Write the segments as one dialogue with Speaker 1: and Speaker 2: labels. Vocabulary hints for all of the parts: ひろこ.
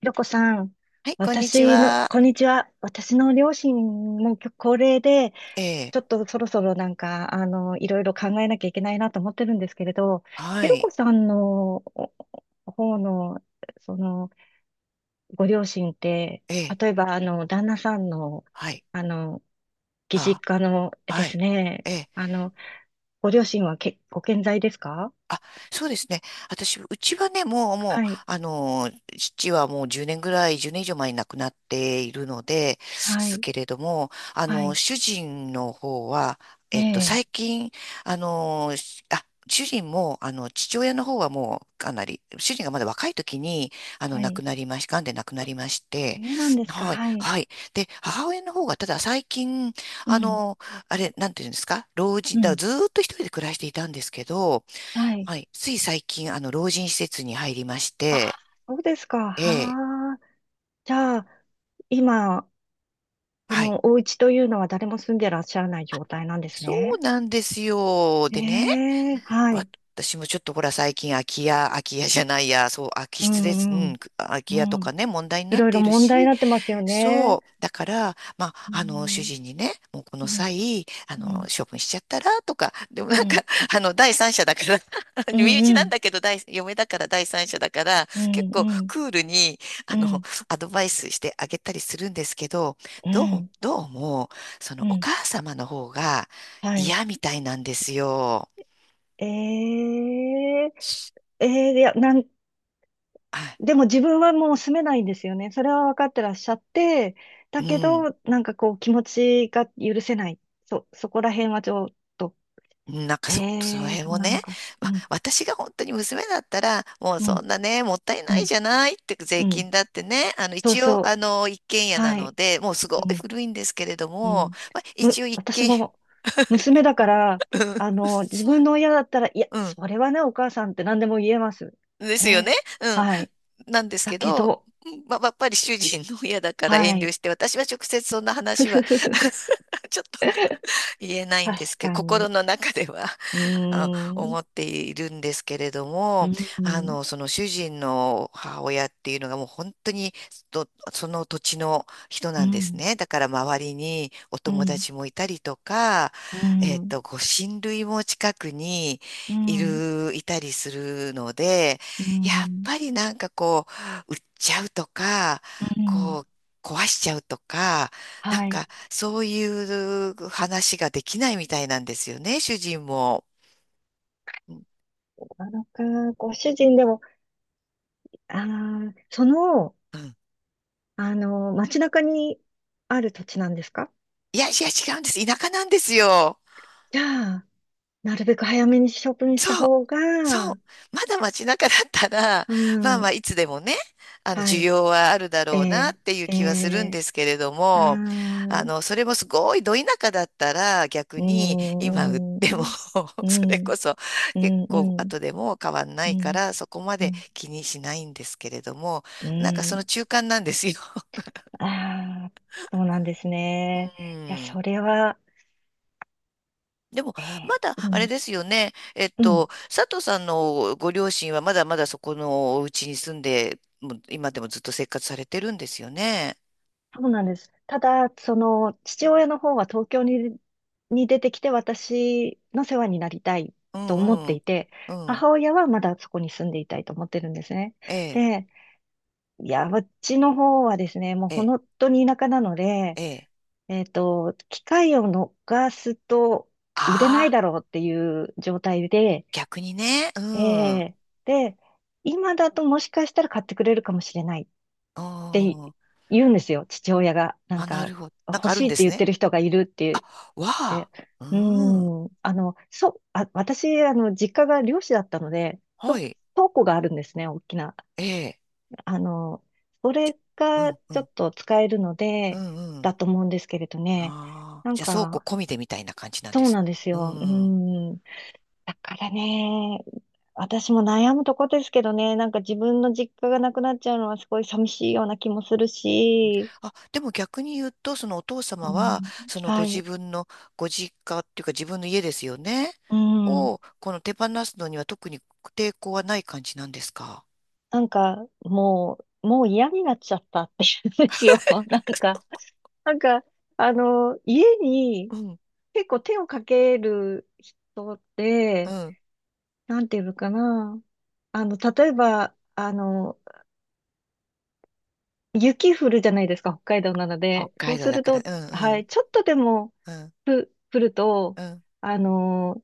Speaker 1: ひろこさん、
Speaker 2: はい、こんにちは。
Speaker 1: こんにちは。私の両親も高齢で、
Speaker 2: ええ、
Speaker 1: ちょっとそろそろいろいろ考えなきゃいけないなと思ってるんですけれど、ひ
Speaker 2: は
Speaker 1: ろこ
Speaker 2: い、
Speaker 1: さんのお方の、その、ご両親って、
Speaker 2: ええ、
Speaker 1: 例えば、旦那さんの、
Speaker 2: はい、
Speaker 1: あの、義
Speaker 2: あ、
Speaker 1: 実家ので
Speaker 2: は
Speaker 1: す
Speaker 2: い、
Speaker 1: ね、
Speaker 2: ええ、
Speaker 1: あの、ご両親はけ、ご健在ですか？
Speaker 2: あ、そうですね。私、うちはね、もう、もう、
Speaker 1: はい、
Speaker 2: 父はもう10年ぐらい、10年以上前に亡くなっているので、
Speaker 1: は
Speaker 2: す
Speaker 1: い、
Speaker 2: けれども、
Speaker 1: はい、
Speaker 2: 主人の方は、
Speaker 1: ええ、
Speaker 2: 最近、しあ、主人も、父親の方はもう、かなり、主人がまだ若い時に、
Speaker 1: は
Speaker 2: 亡く
Speaker 1: い。
Speaker 2: なりまし、癌で亡くなりまして、
Speaker 1: そうなんですか、
Speaker 2: はい、
Speaker 1: はい。
Speaker 2: はい。で、母親の方が、ただ最近、
Speaker 1: う
Speaker 2: あ
Speaker 1: ん、
Speaker 2: の、あれ、なんていうんですか、老
Speaker 1: う
Speaker 2: 人、だから
Speaker 1: ん。
Speaker 2: ずーっと一人で暮らしていたんですけど、
Speaker 1: はい。
Speaker 2: はい。つい最近、老人施設に入りまし
Speaker 1: あー、
Speaker 2: て、
Speaker 1: そうですか。
Speaker 2: ええ、
Speaker 1: はあ。じゃあ、今、こ
Speaker 2: はい。
Speaker 1: のお家というのは誰も住んでらっしゃらない状態なんです
Speaker 2: そう
Speaker 1: ね。
Speaker 2: なんですよ。でね、
Speaker 1: ええ、は
Speaker 2: わ
Speaker 1: い。
Speaker 2: 私もちょっとほら、最近空き家、空き家じゃないや、そう、空き
Speaker 1: う
Speaker 2: 室です。う
Speaker 1: んう
Speaker 2: ん、
Speaker 1: ん。
Speaker 2: 空き
Speaker 1: う
Speaker 2: 家と
Speaker 1: ん。
Speaker 2: かね、問題に
Speaker 1: い
Speaker 2: なっ
Speaker 1: ろい
Speaker 2: て
Speaker 1: ろ
Speaker 2: いる
Speaker 1: 問題に
Speaker 2: し、
Speaker 1: なってますよ
Speaker 2: そ
Speaker 1: ね。
Speaker 2: う。だから、まあ、
Speaker 1: う
Speaker 2: 主
Speaker 1: ん。
Speaker 2: 人にね、もうこの
Speaker 1: うん。
Speaker 2: 際、
Speaker 1: うん。
Speaker 2: 処分しちゃったら、とか、でもな
Speaker 1: う
Speaker 2: ん
Speaker 1: ん。
Speaker 2: か、第三者だから
Speaker 1: う
Speaker 2: 身内
Speaker 1: ん。う
Speaker 2: なん
Speaker 1: ん。
Speaker 2: だけど、嫁だから第三者だから、
Speaker 1: う
Speaker 2: 結
Speaker 1: ん。う
Speaker 2: 構
Speaker 1: ん。
Speaker 2: クールに、あ
Speaker 1: う
Speaker 2: の、
Speaker 1: ん。
Speaker 2: アドバイスしてあげたりするんですけど、
Speaker 1: う
Speaker 2: どう、
Speaker 1: ん。
Speaker 2: どうも、その、
Speaker 1: う
Speaker 2: お
Speaker 1: ん
Speaker 2: 母様の方が
Speaker 1: はい。
Speaker 2: 嫌みたいなんですよ。
Speaker 1: ええ、ええ、
Speaker 2: あ、
Speaker 1: でも自分はもう住めないんですよね。それは分かってらっしゃって、
Speaker 2: う
Speaker 1: だけ
Speaker 2: ん。
Speaker 1: ど、なんかこう気持ちが許せない。そこら辺はちょっと、
Speaker 2: うんなんかその
Speaker 1: ええ
Speaker 2: 辺
Speaker 1: そう
Speaker 2: も
Speaker 1: なの
Speaker 2: ね、
Speaker 1: か。う
Speaker 2: わ
Speaker 1: ん、
Speaker 2: 私が本当に娘だったら、もう
Speaker 1: う
Speaker 2: そ
Speaker 1: ん、
Speaker 2: んなね、もったい
Speaker 1: う
Speaker 2: ない
Speaker 1: ん、
Speaker 2: じゃないって、税
Speaker 1: うん。
Speaker 2: 金だってね、
Speaker 1: そう
Speaker 2: 一
Speaker 1: そ
Speaker 2: 応、
Speaker 1: う。
Speaker 2: 一軒家な
Speaker 1: は
Speaker 2: の
Speaker 1: い。
Speaker 2: で、もうすご
Speaker 1: う
Speaker 2: い
Speaker 1: ん、
Speaker 2: 古いんですけれど
Speaker 1: う
Speaker 2: も、
Speaker 1: ん。
Speaker 2: まあ、一応一
Speaker 1: 私
Speaker 2: 軒家、
Speaker 1: も娘だから、自分の親だったら、いや、
Speaker 2: うん、
Speaker 1: それはね、お母さんって何でも言えます。
Speaker 2: うんですよね。
Speaker 1: ね。
Speaker 2: うん、
Speaker 1: はい。
Speaker 2: なんです
Speaker 1: だ
Speaker 2: け
Speaker 1: け
Speaker 2: ど、
Speaker 1: ど、
Speaker 2: うんまあ、やっぱり主人の親だから
Speaker 1: は
Speaker 2: 遠慮
Speaker 1: い。
Speaker 2: して、私は直接そんな話は ちょっと言えないんです
Speaker 1: 確
Speaker 2: けど、
Speaker 1: か
Speaker 2: 心
Speaker 1: に。
Speaker 2: の中では
Speaker 1: うーん。
Speaker 2: 思っているんですけれど
Speaker 1: う
Speaker 2: も、
Speaker 1: ん、うん、
Speaker 2: その主人の母親っていうのがもう本当にとその土地の人
Speaker 1: う
Speaker 2: なんです
Speaker 1: ん、
Speaker 2: ね。だから周りにお
Speaker 1: う
Speaker 2: 友
Speaker 1: ん、
Speaker 2: 達もいたりとか、
Speaker 1: うん、
Speaker 2: ご親類も近くに
Speaker 1: う
Speaker 2: いたりするので、やっ
Speaker 1: ん、
Speaker 2: ぱりなんかこう、売っちゃうとか、
Speaker 1: うん
Speaker 2: こう、壊しちゃうとか、なん
Speaker 1: はい。
Speaker 2: かそういう話ができないみたいなんですよね、主人も。うん
Speaker 1: なのか、ご主人でも、ああ、その、
Speaker 2: うん。
Speaker 1: 街中にある土地なんですか？
Speaker 2: いやいや、違うんです。田舎なんですよ。
Speaker 1: じゃあ、なるべく早めに処分した
Speaker 2: そう。
Speaker 1: 方
Speaker 2: そう。
Speaker 1: が、
Speaker 2: まだ街中だったら、
Speaker 1: う
Speaker 2: まあまあ
Speaker 1: ん、
Speaker 2: いつでもね、あの
Speaker 1: は
Speaker 2: 需
Speaker 1: い、
Speaker 2: 要はあるだろうな
Speaker 1: え
Speaker 2: っていう
Speaker 1: ー、
Speaker 2: 気はするん
Speaker 1: え
Speaker 2: で
Speaker 1: ー、
Speaker 2: すけれど
Speaker 1: あ
Speaker 2: も、
Speaker 1: ー、
Speaker 2: それもすごいど田舎だったら逆
Speaker 1: うー
Speaker 2: に今売っ
Speaker 1: ん、う
Speaker 2: ても
Speaker 1: ん、う
Speaker 2: それこ
Speaker 1: ん、
Speaker 2: そ
Speaker 1: う
Speaker 2: 結
Speaker 1: ん、う
Speaker 2: 構
Speaker 1: ん、
Speaker 2: 後でも変わんな
Speaker 1: う
Speaker 2: いか
Speaker 1: ん、
Speaker 2: らそこま
Speaker 1: う
Speaker 2: で
Speaker 1: ん、
Speaker 2: 気にしないんですけれども、
Speaker 1: う
Speaker 2: なんかその
Speaker 1: ん、
Speaker 2: 中間なんですよ。
Speaker 1: ああ、そうなんですね。
Speaker 2: う
Speaker 1: いや、
Speaker 2: ん。
Speaker 1: それは、
Speaker 2: でも、
Speaker 1: ええ
Speaker 2: まだ、
Speaker 1: う
Speaker 2: あれ
Speaker 1: ん、
Speaker 2: ですよね。
Speaker 1: うん、
Speaker 2: 佐藤さんのご両親はまだまだそこのお家に住んで、もう今でもずっと生活されてるんですよね。
Speaker 1: そうなんです。ただ、その、父親の方は東京に、に出てきて私の世話になりたい
Speaker 2: う
Speaker 1: と思っ
Speaker 2: んう
Speaker 1: て
Speaker 2: ん。
Speaker 1: いて、
Speaker 2: うん。
Speaker 1: 母親はまだそこに住んでいたいと思ってるんですね。
Speaker 2: ええ、
Speaker 1: で、いや、うちの方はですね、もう
Speaker 2: ええ、
Speaker 1: 本当に田舎なので、
Speaker 2: ええ。
Speaker 1: 機会を逃すと売れない
Speaker 2: ああ、
Speaker 1: だろうっていう状態で、
Speaker 2: 逆にね。う
Speaker 1: え
Speaker 2: ん。うん。
Speaker 1: えで、今だともしかしたら買ってくれるかもしれないって言うんですよ、父親が。なん
Speaker 2: あ、な
Speaker 1: か、
Speaker 2: るほど。なん
Speaker 1: 欲
Speaker 2: かある
Speaker 1: し
Speaker 2: ん
Speaker 1: いっ
Speaker 2: で
Speaker 1: て
Speaker 2: す
Speaker 1: 言っ
Speaker 2: ね。
Speaker 1: てる人がいるって
Speaker 2: わ
Speaker 1: 言っ
Speaker 2: あ。
Speaker 1: て。う
Speaker 2: うん。
Speaker 1: ーん、私、実家が漁師だったので、
Speaker 2: は
Speaker 1: と
Speaker 2: い。
Speaker 1: 倉庫があるんですね、大きな。
Speaker 2: ええ。
Speaker 1: あの、それ
Speaker 2: う
Speaker 1: が
Speaker 2: んう
Speaker 1: ちょ
Speaker 2: ん。
Speaker 1: っと使えるの
Speaker 2: う
Speaker 1: で、
Speaker 2: んうん。
Speaker 1: だと思うんですけれどね。
Speaker 2: ああ。
Speaker 1: なん
Speaker 2: じゃあ、倉庫
Speaker 1: か、
Speaker 2: 込みでみたいな感じなんで
Speaker 1: そう
Speaker 2: す。
Speaker 1: なんです
Speaker 2: う
Speaker 1: よ。うー
Speaker 2: ん。
Speaker 1: ん、だからね、私も悩むとこですけどね、なんか自分の実家がなくなっちゃうのはすごい寂しいような気もするし、
Speaker 2: あ、でも逆に言うと、そのお父
Speaker 1: う
Speaker 2: 様は、
Speaker 1: ん、
Speaker 2: そのご
Speaker 1: は
Speaker 2: 自
Speaker 1: い、
Speaker 2: 分のご実家っていうか自分の家ですよね。
Speaker 1: うん、
Speaker 2: を、この手放すのには特に抵抗はない感じなんですか？
Speaker 1: なんかもう嫌になっちゃったっていうんですよ。なんか、なんか、家に
Speaker 2: うん、
Speaker 1: 結構手をかける人っ
Speaker 2: う
Speaker 1: て、
Speaker 2: ん。
Speaker 1: なんていうのかな、例えば、雪降るじゃないですか、北海道なの
Speaker 2: 北
Speaker 1: で、そ
Speaker 2: 海
Speaker 1: う
Speaker 2: 道
Speaker 1: す
Speaker 2: だ
Speaker 1: る
Speaker 2: から、
Speaker 1: と、
Speaker 2: うん、う
Speaker 1: は
Speaker 2: ん、
Speaker 1: い、ちょっとでも、
Speaker 2: うん、
Speaker 1: 来ると、
Speaker 2: うん。
Speaker 1: あの、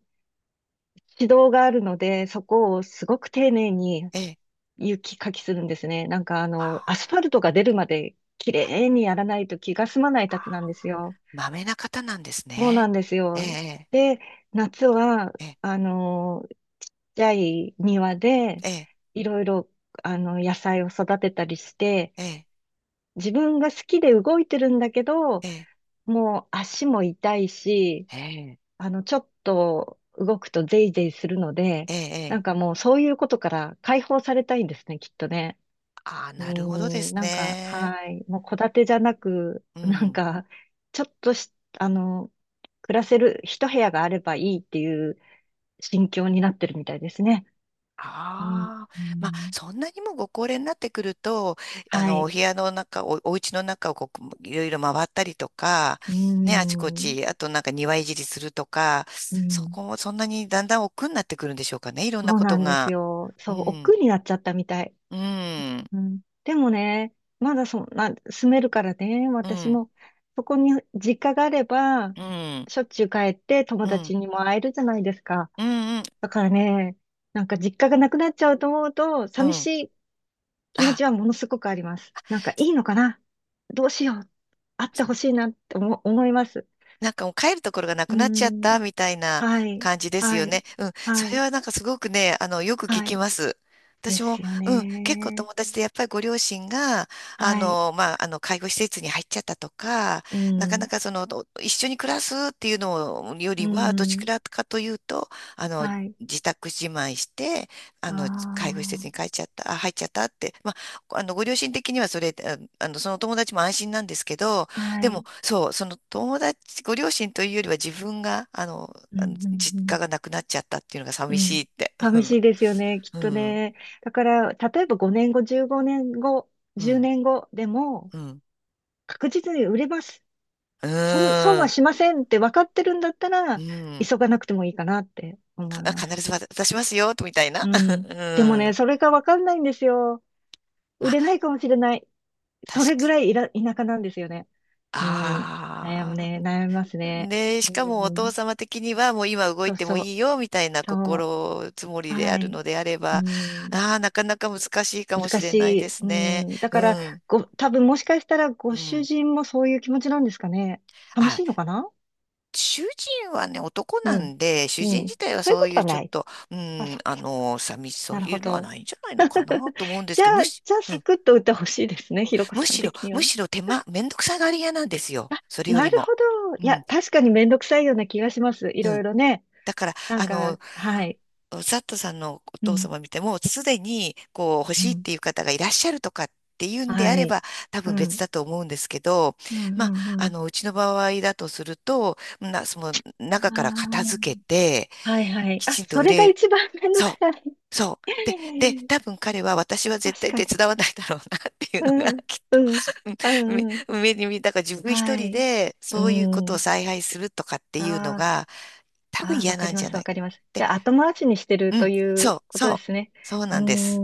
Speaker 1: 指導があるので、そこをすごく丁寧に
Speaker 2: ええ。
Speaker 1: 雪かきするんですね。なんかあ
Speaker 2: ま
Speaker 1: の、アス
Speaker 2: あ
Speaker 1: ファルトが出るまで綺麗にやらないと気が済まないたちなんですよ。
Speaker 2: まあまめな方なんです
Speaker 1: そうな
Speaker 2: ね。
Speaker 1: んです
Speaker 2: え
Speaker 1: よ。
Speaker 2: え、
Speaker 1: で、夏は、
Speaker 2: ええ、
Speaker 1: あの、ちっちゃい庭で、
Speaker 2: ええ、
Speaker 1: いろいろ、野菜を育てたりして、
Speaker 2: ええ、
Speaker 1: 自分が好きで動いてるんだけど、
Speaker 2: ええ、
Speaker 1: もう足も痛いし、
Speaker 2: ええ、
Speaker 1: ちょっと動くとゼイゼイするので、
Speaker 2: ええ。
Speaker 1: な
Speaker 2: ええ、
Speaker 1: んかもうそういうことから解放されたいんですね、きっとね。
Speaker 2: ああ、
Speaker 1: う
Speaker 2: なるほどで
Speaker 1: ーん、
Speaker 2: す
Speaker 1: なんか、
Speaker 2: ね。
Speaker 1: はい。もう戸建てじゃなく、
Speaker 2: う
Speaker 1: なん
Speaker 2: ん。
Speaker 1: か、ちょっとし、あの、暮らせる一部屋があればいいっていう心境になってるみたいですね。うん、
Speaker 2: あ
Speaker 1: う
Speaker 2: あ、まあ、
Speaker 1: ん
Speaker 2: そんなにもご高齢になってくると、
Speaker 1: は
Speaker 2: お
Speaker 1: い。
Speaker 2: 部屋の中、お家の中をこう、いろいろ回ったりとか、
Speaker 1: うー
Speaker 2: ね、あちこ
Speaker 1: ん、
Speaker 2: ち、あとなんか庭いじりするとか、
Speaker 1: う
Speaker 2: そ
Speaker 1: ん。
Speaker 2: こもそんなにだんだん億劫になってくるんでしょうかね、いろんな
Speaker 1: そう
Speaker 2: こ
Speaker 1: な
Speaker 2: と
Speaker 1: んです
Speaker 2: が。
Speaker 1: よ。
Speaker 2: う
Speaker 1: そう、億
Speaker 2: ん、
Speaker 1: 劫になっちゃったみたい。
Speaker 2: うん、
Speaker 1: うん、でもね、まだそんな、住めるからね、
Speaker 2: う
Speaker 1: 私
Speaker 2: ん、
Speaker 1: も、そこに実家があれば、
Speaker 2: うん、うん、
Speaker 1: しょっちゅう帰って友
Speaker 2: うん、
Speaker 1: 達にも会えるじゃないですか。
Speaker 2: うん。
Speaker 1: だからね、なんか実家がなくなっちゃうと思うと、
Speaker 2: う
Speaker 1: 寂し
Speaker 2: ん。
Speaker 1: い気持
Speaker 2: あ、
Speaker 1: ちはものすごくあります。なんかいいのかな、どうしよう。会ってほしいなって思、思います。
Speaker 2: なんかもう帰るところがな
Speaker 1: う
Speaker 2: く
Speaker 1: ー
Speaker 2: なっちゃった
Speaker 1: ん。
Speaker 2: みたいな
Speaker 1: はい。
Speaker 2: 感じです
Speaker 1: は
Speaker 2: よ
Speaker 1: い。
Speaker 2: ね。うん。そ
Speaker 1: は
Speaker 2: れ
Speaker 1: い。
Speaker 2: はなんかすごくね、よく聞
Speaker 1: は
Speaker 2: き
Speaker 1: い。
Speaker 2: ます。
Speaker 1: で
Speaker 2: 私も、
Speaker 1: すよ
Speaker 2: うん、結構
Speaker 1: ね。
Speaker 2: 友達でやっぱりご両親が、
Speaker 1: はい。
Speaker 2: まあ、介護施設に入っちゃったとか、
Speaker 1: う
Speaker 2: なかな
Speaker 1: ん。
Speaker 2: かその、一緒に暮らすっていうのよ
Speaker 1: う
Speaker 2: りは、どち
Speaker 1: ん。
Speaker 2: らかというと、あの、
Speaker 1: はい。
Speaker 2: 自宅自慢して、あ
Speaker 1: あ
Speaker 2: の、介護施設に帰
Speaker 1: あ。
Speaker 2: っちゃった、あ、入っちゃったって、まあ、ご両親的にはそれ、そのお友達も安心なんですけど、
Speaker 1: は
Speaker 2: でも、
Speaker 1: い。
Speaker 2: そう、その友達、ご両親というよりは自分が、
Speaker 1: うん
Speaker 2: あの
Speaker 1: う
Speaker 2: 実家が
Speaker 1: ん
Speaker 2: なくなっちゃったっていうのが
Speaker 1: う
Speaker 2: 寂
Speaker 1: ん。う
Speaker 2: し
Speaker 1: ん。
Speaker 2: いって。
Speaker 1: 寂しいですよね、きっ
Speaker 2: うん、
Speaker 1: と
Speaker 2: うん、
Speaker 1: ね。だから、例えば5年後、15年後、
Speaker 2: う
Speaker 1: 10
Speaker 2: ん、
Speaker 1: 年後でも、
Speaker 2: うん、
Speaker 1: 確実に売れます。
Speaker 2: う
Speaker 1: その、損
Speaker 2: ー
Speaker 1: は
Speaker 2: ん、
Speaker 1: しませんって分かってるんだった
Speaker 2: う
Speaker 1: ら、
Speaker 2: ん
Speaker 1: 急がなくてもいいかなって思い
Speaker 2: か
Speaker 1: ます。
Speaker 2: 必ず渡しますよ、みたいな。
Speaker 1: う ん。
Speaker 2: う
Speaker 1: でもね、
Speaker 2: ん。
Speaker 1: それが分かんないんですよ。
Speaker 2: ま
Speaker 1: 売
Speaker 2: あ、
Speaker 1: れないかもしれない。そ
Speaker 2: 確
Speaker 1: れぐ
Speaker 2: か、
Speaker 1: らいいら、田舎なんですよね。うん。
Speaker 2: ああ。
Speaker 1: 悩みますね。
Speaker 2: で、し
Speaker 1: う
Speaker 2: かもお父
Speaker 1: ん。
Speaker 2: 様的にはもう今動
Speaker 1: そ
Speaker 2: い
Speaker 1: う
Speaker 2: ても
Speaker 1: そ
Speaker 2: い
Speaker 1: う。
Speaker 2: いよ、みたいな
Speaker 1: そう。
Speaker 2: 心積もりであ
Speaker 1: は
Speaker 2: る
Speaker 1: い。
Speaker 2: のであれ
Speaker 1: う
Speaker 2: ば、
Speaker 1: ん。
Speaker 2: ああ、なかなか難しいかもし
Speaker 1: 難
Speaker 2: れ
Speaker 1: し
Speaker 2: ないで
Speaker 1: い。
Speaker 2: す
Speaker 1: う
Speaker 2: ね。
Speaker 1: ん、だ
Speaker 2: う
Speaker 1: から、
Speaker 2: ん、
Speaker 1: 多分もしかしたら
Speaker 2: う
Speaker 1: ご主
Speaker 2: ん。
Speaker 1: 人もそういう気持ちなんですかね。寂し
Speaker 2: あ、
Speaker 1: いのかな。
Speaker 2: 主人はね、男
Speaker 1: う
Speaker 2: な
Speaker 1: ん。
Speaker 2: んで、主
Speaker 1: う
Speaker 2: 人
Speaker 1: ん。
Speaker 2: 自体は
Speaker 1: そういう
Speaker 2: そう
Speaker 1: こ
Speaker 2: い
Speaker 1: と
Speaker 2: う
Speaker 1: は
Speaker 2: ちょ
Speaker 1: な
Speaker 2: っ
Speaker 1: い。
Speaker 2: と、う
Speaker 1: あ、
Speaker 2: ん、
Speaker 1: そっかそっか。
Speaker 2: 寂しそう
Speaker 1: なる
Speaker 2: い
Speaker 1: ほ
Speaker 2: うのは
Speaker 1: ど。
Speaker 2: ないんじゃないのかな と思うんで
Speaker 1: じ
Speaker 2: す
Speaker 1: ゃ
Speaker 2: けど、
Speaker 1: あ、じゃあ、
Speaker 2: う
Speaker 1: サ
Speaker 2: ん、
Speaker 1: クッと打ってほしいですね。ひろこ
Speaker 2: む
Speaker 1: さん
Speaker 2: しろ、
Speaker 1: 的には
Speaker 2: む
Speaker 1: ね。
Speaker 2: しろ手間、めんどくさがり屋なんですよ。
Speaker 1: あ、
Speaker 2: それよ
Speaker 1: な
Speaker 2: り
Speaker 1: る
Speaker 2: も。
Speaker 1: ほど。
Speaker 2: う
Speaker 1: い
Speaker 2: ん、
Speaker 1: や、確かにめんどくさいような気がします。い
Speaker 2: う
Speaker 1: ろい
Speaker 2: ん。
Speaker 1: ろね。
Speaker 2: だから、
Speaker 1: なんか、はい。
Speaker 2: サットさんのお
Speaker 1: う
Speaker 2: 父
Speaker 1: ん。
Speaker 2: 様見ても、すでに、こう、欲
Speaker 1: う
Speaker 2: しいっ
Speaker 1: ん。
Speaker 2: ていう方がいらっしゃるとかっていうんであ
Speaker 1: は
Speaker 2: れ
Speaker 1: い。
Speaker 2: ば、多
Speaker 1: う
Speaker 2: 分別
Speaker 1: ん。
Speaker 2: だと思うんですけど、
Speaker 1: うん、う
Speaker 2: まあ、
Speaker 1: ん、うん。
Speaker 2: うちの場合だとすると、その、中から片付
Speaker 1: あ
Speaker 2: けて、
Speaker 1: ーはいはい。
Speaker 2: き
Speaker 1: あ、
Speaker 2: ちんと
Speaker 1: そ
Speaker 2: 売
Speaker 1: れが
Speaker 2: れ
Speaker 1: 一番めんどく
Speaker 2: そ
Speaker 1: さい。
Speaker 2: う。そう。で、多分彼は私は絶
Speaker 1: 確
Speaker 2: 対
Speaker 1: か
Speaker 2: 手
Speaker 1: に。
Speaker 2: 伝わないだろうなっていう
Speaker 1: う
Speaker 2: のが
Speaker 1: ん、
Speaker 2: きっ
Speaker 1: う
Speaker 2: と
Speaker 1: ん、う
Speaker 2: うん
Speaker 1: ん、うん。
Speaker 2: 目、目に見え、だから自分一
Speaker 1: は
Speaker 2: 人
Speaker 1: い。
Speaker 2: で
Speaker 1: う
Speaker 2: そういうことを
Speaker 1: ん。
Speaker 2: 采配するとかっていうの
Speaker 1: あ
Speaker 2: が多分
Speaker 1: ああ、わ
Speaker 2: 嫌
Speaker 1: か
Speaker 2: なん
Speaker 1: り
Speaker 2: じ
Speaker 1: ま
Speaker 2: ゃ
Speaker 1: す、
Speaker 2: な
Speaker 1: わ
Speaker 2: い。
Speaker 1: かります。じ
Speaker 2: で、
Speaker 1: ゃあ、後回しにしてる
Speaker 2: う
Speaker 1: と
Speaker 2: ん、
Speaker 1: いう
Speaker 2: そう、
Speaker 1: こと
Speaker 2: そ
Speaker 1: で
Speaker 2: う、
Speaker 1: すね。
Speaker 2: そう
Speaker 1: うー
Speaker 2: なんです。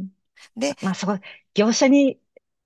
Speaker 1: ん。
Speaker 2: で、
Speaker 1: ままあ、そこ、業者に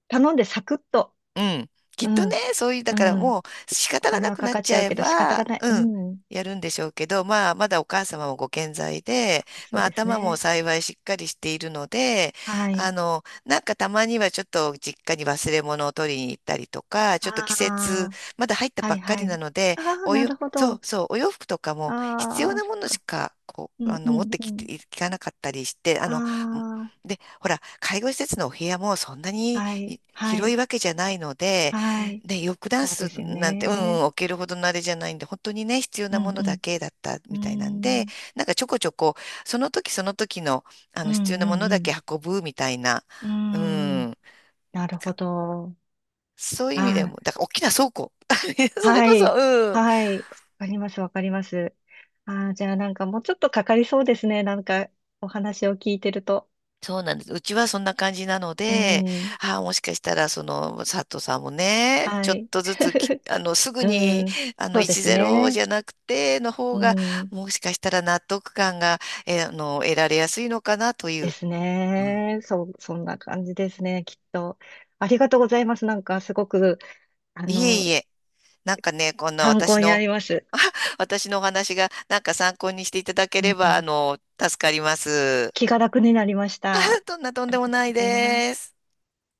Speaker 1: 頼んでサクッと。
Speaker 2: うん。きっ
Speaker 1: う
Speaker 2: とね、
Speaker 1: ん、
Speaker 2: そういう、だ
Speaker 1: う
Speaker 2: からも
Speaker 1: ん。
Speaker 2: う仕
Speaker 1: お
Speaker 2: 方が
Speaker 1: 金
Speaker 2: な
Speaker 1: は
Speaker 2: く
Speaker 1: か
Speaker 2: なっ
Speaker 1: かっ
Speaker 2: ち
Speaker 1: ち
Speaker 2: ゃ
Speaker 1: ゃう
Speaker 2: え
Speaker 1: けど仕方が
Speaker 2: ば、
Speaker 1: ない。う
Speaker 2: うん、
Speaker 1: ん。
Speaker 2: やるんでしょうけど、まあ、まだお母様もご健在で、
Speaker 1: そ
Speaker 2: ま
Speaker 1: う
Speaker 2: あ、
Speaker 1: です
Speaker 2: 頭も
Speaker 1: ね。
Speaker 2: 幸いしっかりしているので、
Speaker 1: はい。
Speaker 2: なんかたまにはちょっと実家に忘れ物を取りに行ったりとか、ちょっと季節、
Speaker 1: ああ、
Speaker 2: まだ入った
Speaker 1: は
Speaker 2: ば
Speaker 1: い、
Speaker 2: っか
Speaker 1: は
Speaker 2: りな
Speaker 1: い。
Speaker 2: ので、
Speaker 1: ああ、なるほ
Speaker 2: そう
Speaker 1: ど。
Speaker 2: そう、お洋服とかも必要
Speaker 1: ああ、
Speaker 2: な
Speaker 1: そっ
Speaker 2: ものし
Speaker 1: か。
Speaker 2: か、こ
Speaker 1: う
Speaker 2: う、
Speaker 1: ん、う
Speaker 2: 持っ
Speaker 1: ん、
Speaker 2: て
Speaker 1: う
Speaker 2: き
Speaker 1: ん。
Speaker 2: ていかなかったりして、
Speaker 1: あ
Speaker 2: で、ほら、介護施設のお部屋もそんな
Speaker 1: あ、
Speaker 2: に
Speaker 1: はい、は
Speaker 2: 広
Speaker 1: い、
Speaker 2: いわけじゃないので、
Speaker 1: はい。
Speaker 2: ね、ヨックダン
Speaker 1: そうで
Speaker 2: ス
Speaker 1: すよ
Speaker 2: なんて、う
Speaker 1: ね。
Speaker 2: ん、置けるほどのあれじゃないんで、本当にね、必要
Speaker 1: う
Speaker 2: なも
Speaker 1: ん
Speaker 2: の
Speaker 1: う
Speaker 2: だけだったみたいなん
Speaker 1: ん。うー
Speaker 2: で、
Speaker 1: ん。
Speaker 2: なんかちょこちょこ、その時その時の、
Speaker 1: う
Speaker 2: 必要
Speaker 1: ん
Speaker 2: な
Speaker 1: う
Speaker 2: も
Speaker 1: ん
Speaker 2: の
Speaker 1: う
Speaker 2: だ
Speaker 1: ん。
Speaker 2: け運ぶみたいな、
Speaker 1: うー
Speaker 2: う
Speaker 1: ん。
Speaker 2: ん、
Speaker 1: なるほど。
Speaker 2: そういう意味で
Speaker 1: あ
Speaker 2: も、
Speaker 1: ー、
Speaker 2: だから大きな倉庫。それ
Speaker 1: は
Speaker 2: こそ、
Speaker 1: い。
Speaker 2: うん、
Speaker 1: はい。わかります、わかります。あー、じゃあなんかもうちょっとかかりそうですね。なんかお話を聞いてると。
Speaker 2: そうなんです。うちはそんな感じなの
Speaker 1: う
Speaker 2: で、
Speaker 1: ん。
Speaker 2: ああ、もしかしたら、その、佐藤さんもね、
Speaker 1: は
Speaker 2: ちょっ
Speaker 1: い。
Speaker 2: とずつき、すぐに、
Speaker 1: うん。そうです
Speaker 2: 1-0じ
Speaker 1: ね。
Speaker 2: ゃなくて、の
Speaker 1: う
Speaker 2: 方が、
Speaker 1: ん。
Speaker 2: もしかしたら納得感が、えあの、得られやすいのかなとい
Speaker 1: で
Speaker 2: う。
Speaker 1: す
Speaker 2: うん。
Speaker 1: ね。そう、そんな感じですね。きっと。ありがとうございます。なんかすごく、あ
Speaker 2: いえ
Speaker 1: の、
Speaker 2: いえ、なんかね、こんな
Speaker 1: 参
Speaker 2: 私
Speaker 1: 考にな
Speaker 2: の、
Speaker 1: ります。
Speaker 2: あ私のお話が、なんか参考にしていただけ
Speaker 1: う
Speaker 2: れば、
Speaker 1: ん、
Speaker 2: 助かります。
Speaker 1: 気が 楽になりまし
Speaker 2: あ、
Speaker 1: た。
Speaker 2: どんなとん
Speaker 1: あ
Speaker 2: で
Speaker 1: り
Speaker 2: も
Speaker 1: がと
Speaker 2: な
Speaker 1: う
Speaker 2: い
Speaker 1: ございま
Speaker 2: で
Speaker 1: す。
Speaker 2: す。